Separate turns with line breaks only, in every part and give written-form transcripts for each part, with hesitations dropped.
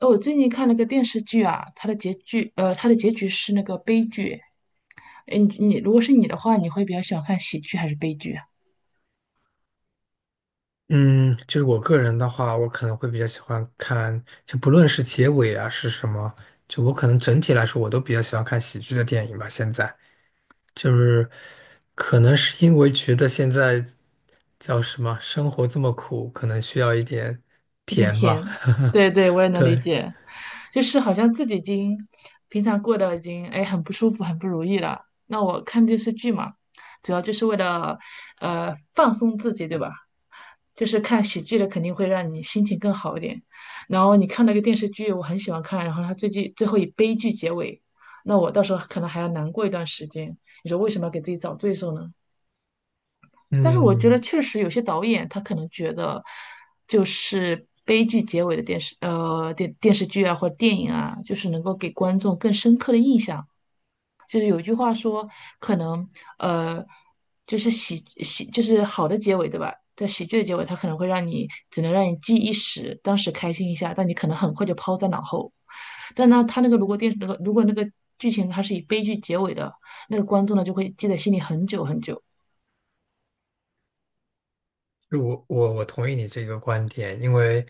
哦，我最近看了个电视剧啊，它的结局，它的结局是那个悲剧。诶你如果是你的话，你会比较喜欢看喜剧还是悲剧啊？
嗯，就是我个人的话，我可能会比较喜欢看，就不论是结尾啊是什么，我可能整体来说，我都比较喜欢看喜剧的电影吧。现在就是可能是因为觉得现在叫什么，生活这么苦，可能需要一点
有点
甜吧。
甜。对对，我也 能理
对，
解。就是好像自己已经平常过得已经哎很不舒服、很不如意了。那我看电视剧嘛，主要就是为了放松自己，对吧？就是看喜剧的肯定会让你心情更好一点。然后你看那个电视剧，我很喜欢看，然后它最近最后以悲剧结尾，那我到时候可能还要难过一段时间。你说为什么要给自己找罪受呢？但是我觉得
嗯。
确实有些导演他可能觉得，就是悲剧结尾的电视电视剧啊或者电影啊，就是能够给观众更深刻的印象。就是有一句话说，可能呃就是喜就是好的结尾对吧？在喜剧的结尾，他可能会让你只能让你记一时，当时开心一下，但你可能很快就抛在脑后。但呢，他那个如果电视那个如果那个剧情它是以悲剧结尾的，那个观众呢就会记在心里很久很久。
是我同意你这个观点，因为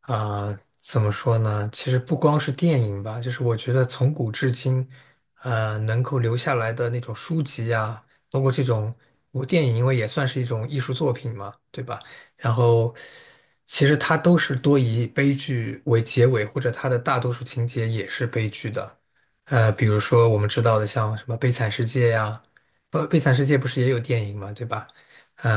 怎么说呢？其实不光是电影吧，就是我觉得从古至今，能够留下来的那种书籍啊，包括这种我电影，因为也算是一种艺术作品嘛，对吧？然后其实它都是多以悲剧为结尾，或者它的大多数情节也是悲剧的。比如说我们知道的像什么《悲惨世界》呀，不，《悲惨世界》不是也有电影嘛，对吧？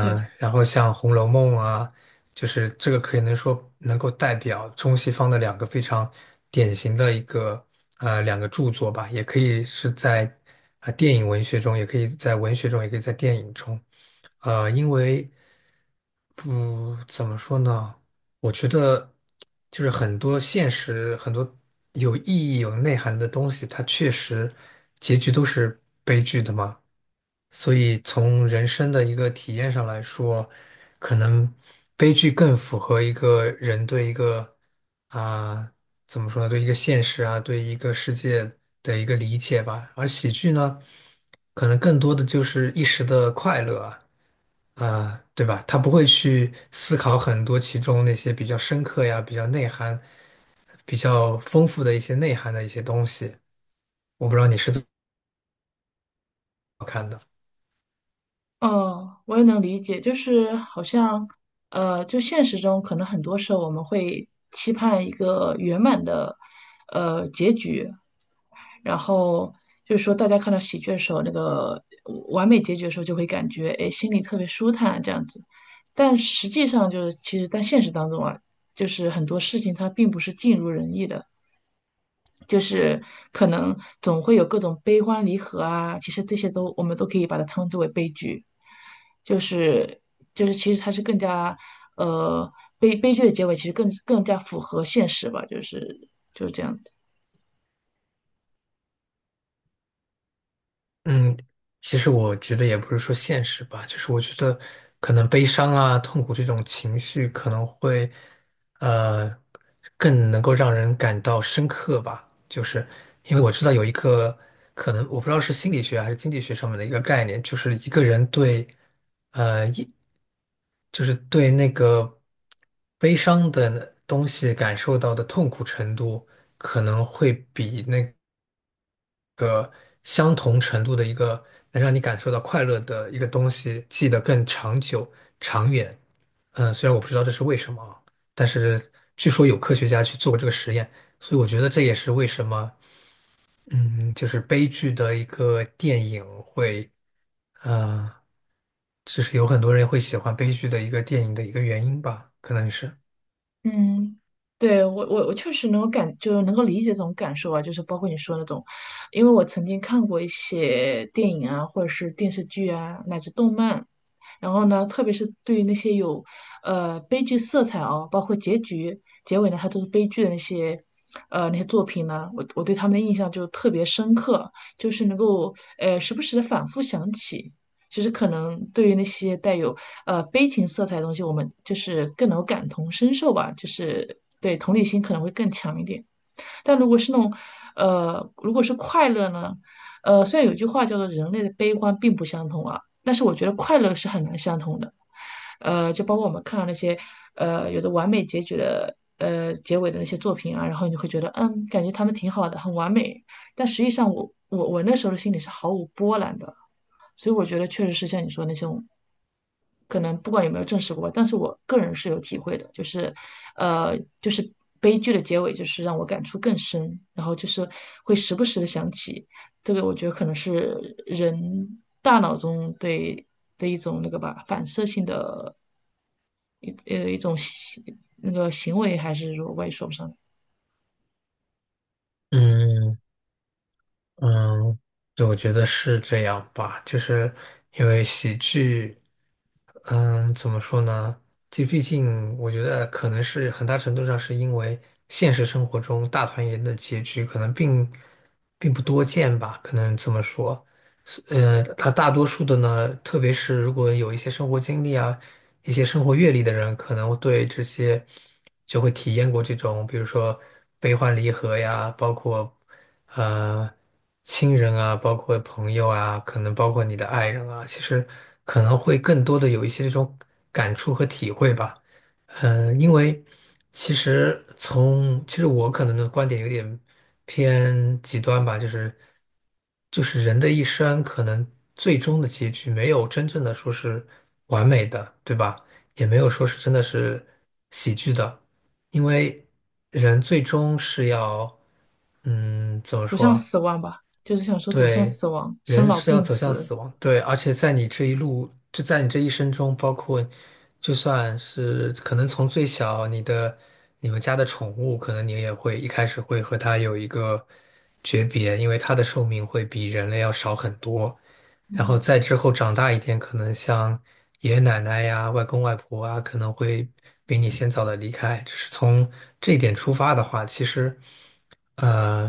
对。
然后像《红楼梦》啊，就是这个可以能说能够代表中西方的两个非常典型的一个两个著作吧，也可以是在电影文学中，也可以在文学中，也可以在电影中。因为不怎么说呢，我觉得就是很多现实、很多有意义、有内涵的东西，它确实结局都是悲剧的嘛。所以从人生的一个体验上来说，可能悲剧更符合一个人对一个啊、怎么说呢，对一个现实啊，对一个世界的一个理解吧。而喜剧呢，可能更多的就是一时的快乐啊，对吧？他不会去思考很多其中那些比较深刻呀、比较内涵、比较丰富的一些内涵的一些东西。我不知道你是怎么看的。
哦，我也能理解，就是好像，呃，就现实中可能很多时候我们会期盼一个圆满的，呃，结局，然后就是说大家看到喜剧的时候，那个完美结局的时候，就会感觉哎心里特别舒坦这样子，但实际上就是其实在现实当中啊，就是很多事情它并不是尽如人意的，就是可能总会有各种悲欢离合啊，其实这些都我们都可以把它称之为悲剧。就是就是其实它是更加呃悲剧的结尾，其实更加符合现实吧，就是这样子。
嗯，其实我觉得也不是说现实吧，就是我觉得可能悲伤啊、痛苦这种情绪可能会，呃，更能够让人感到深刻吧。就是因为我知道有一个可能，我不知道是心理学还是经济学上面的一个概念，就是一个人对，呃，一就是对那个悲伤的东西感受到的痛苦程度，可能会比那相同程度的一个能让你感受到快乐的一个东西，记得更长久、长远。嗯，虽然我不知道这是为什么啊，但是据说有科学家去做过这个实验，所以我觉得这也是为什么，嗯，就是悲剧的一个电影会，呃，就是有很多人会喜欢悲剧的一个电影的一个原因吧，可能是。
嗯，对，我确实能够感，就是能够理解这种感受啊，就是包括你说那种，因为我曾经看过一些电影啊，或者是电视剧啊，乃至动漫，然后呢，特别是对于那些有悲剧色彩哦，包括结局、结尾呢，它都是悲剧的那些那些作品呢，我对他们的印象就特别深刻，就是能够时不时的反复想起。其实可能对于那些带有悲情色彩的东西，我们就是更能够感同身受吧，就是对同理心可能会更强一点。但如果是那种，如果是快乐呢，虽然有句话叫做人类的悲欢并不相同啊，但是我觉得快乐是很难相同的。就包括我们看到那些有着完美结局的结尾的那些作品啊，然后你会觉得嗯，感觉他们挺好的，很完美，但实际上我那时候的心里是毫无波澜的。所以我觉得确实是像你说的那种，可能不管有没有证实过，但是我个人是有体会的，就是，就是悲剧的结尾，就是让我感触更深，然后就是会时不时的想起这个，我觉得可能是人大脑中对的一种那个吧，反射性的一种行为，还是说我也说不上，
嗯。嗯，对，我觉得是这样吧，就是因为喜剧，嗯，怎么说呢？这毕竟我觉得可能是很大程度上是因为现实生活中大团圆的结局可能并不多见吧，可能这么说。是呃，它大多数的呢，特别是如果有一些生活经历啊。一些生活阅历的人，可能对这些就会体验过这种，比如说悲欢离合呀，包括呃亲人啊，包括朋友啊，可能包括你的爱人啊，其实可能会更多的有一些这种感触和体会吧。嗯，因为其实从其实我可能的观点有点偏极端吧，就是人的一生可能最终的结局没有真正的说是完美的，对吧？也没有说是真的是喜剧的，因为人最终是要怎么
走向
说？
死亡吧，就是想说走向
对，
死亡，生
人
老
是要
病
走向
死。
死亡，对，而且在你这一路，就在你这一生中，包括就算是可能从最小你的你们家的宠物，可能你也会一开始会和它有一个诀别，因为它的寿命会比人类要少很多。然后再之后长大一点，可能像爷爷奶奶呀、外公外婆啊，可能会比你先早的离开。只是从这一点出发的话，其实，呃，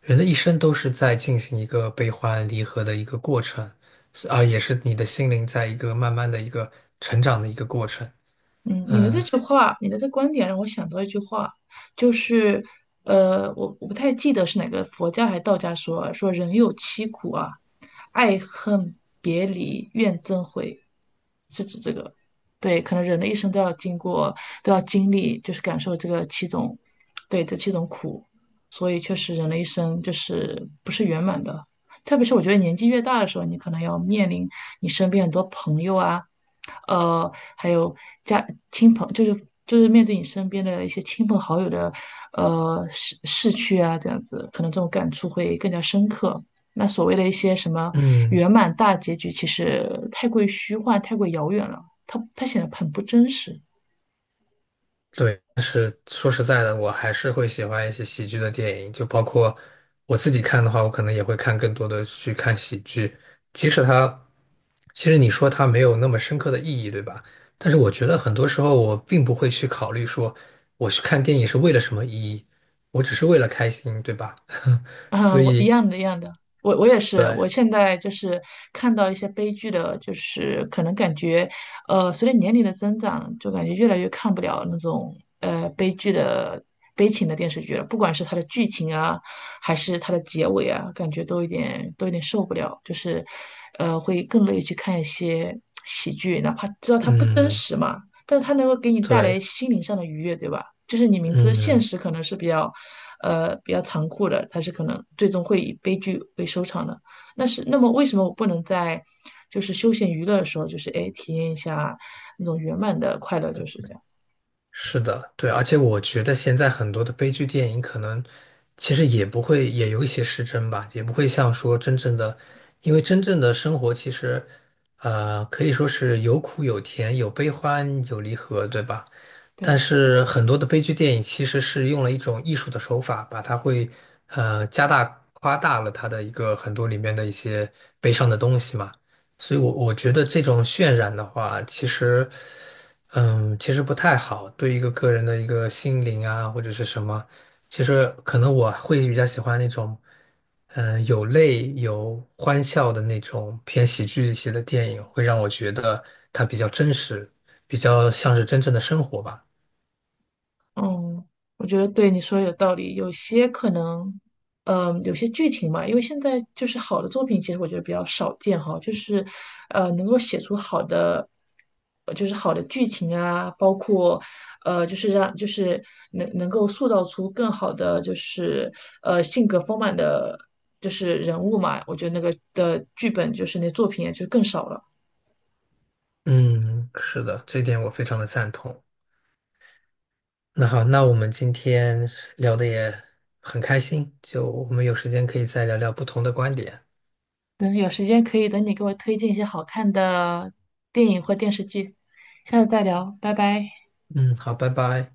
人的一生都是在进行一个悲欢离合的一个过程，是啊，也是你的心灵在一个慢慢的一个成长的一个过程。
嗯，你的这句话，你的这观点让我想到一句话，就是，我不太记得是哪个佛家还是道家说啊说人有七苦啊，爱恨别离怨憎会，是指这个。对，可能人的一生都要经过，都要经历，就是感受这个七种，对，这七种苦，所以确实人的一生就是不是圆满的。特别是我觉得年纪越大的时候，你可能要面临你身边很多朋友啊。呃，还有家亲朋，就是就是面对你身边的一些亲朋好友的，呃，逝去啊，这样子，可能这种感触会更加深刻。那所谓的一些什么
嗯。
圆满大结局，其实太过于虚幻，太过于遥远了，它显得很不真实。
对，但是说实在的，我还是会喜欢一些喜剧的电影，就包括我自己看的话，我可能也会看更多的去看喜剧，即使它，其实你说它没有那么深刻的意义，对吧？但是我觉得很多时候我并不会去考虑说我去看电影是为了什么意义，我只是为了开心，对吧？所
嗯，我一
以，
样的，一样的，我也是，
对，
我现在就是看到一些悲剧的，就是可能感觉，随着年龄的增长，就感觉越来越看不了那种悲剧的悲情的电视剧了，不管是它的剧情啊，还是它的结尾啊，感觉都有点受不了，就是，会更乐意去看一些喜剧，哪怕知道它不真
嗯，
实嘛，但是它能够给你带来
对，
心灵上的愉悦，对吧？就是你明知现
嗯。
实可能是比较，比较残酷的，它是可能最终会以悲剧为收场的。那是，那么为什么我不能在就是休闲娱乐的时候，就是哎体验一下那种圆满的快乐，就是这样。
是的，对，而且我觉得现在很多的悲剧电影可能其实也不会，也有一些失真吧，也不会像说真正的，因为真正的生活其实，可以说是有苦有甜，有悲欢，有离合，对吧？但
对。
是很多的悲剧电影其实是用了一种艺术的手法，把它会加大夸大了它的一个很多里面的一些悲伤的东西嘛。所以我，我觉得这种渲染的话，其实嗯，其实不太好，对一个个人的一个心灵啊或者是什么，其实可能我会比较喜欢那种有泪有欢笑的那种偏喜剧一些的电影，会让我觉得它比较真实，比较像是真正的生活吧。
嗯，我觉得对你说的有道理。有些可能，嗯，有些剧情嘛，因为现在就是好的作品，其实我觉得比较少见哈，就是，能够写出好的，就是好的剧情啊，包括，就是让就是能够塑造出更好的就是性格丰满的，就是人物嘛。我觉得那个的剧本就是那作品也就更少了。
嗯，是的，这点我非常的赞同。那好，那我们今天聊的也很开心，就我们有时间可以再聊聊不同的观点。
等有时间可以等你给我推荐一些好看的电影或电视剧，下次再聊，拜拜。
嗯，好，拜拜。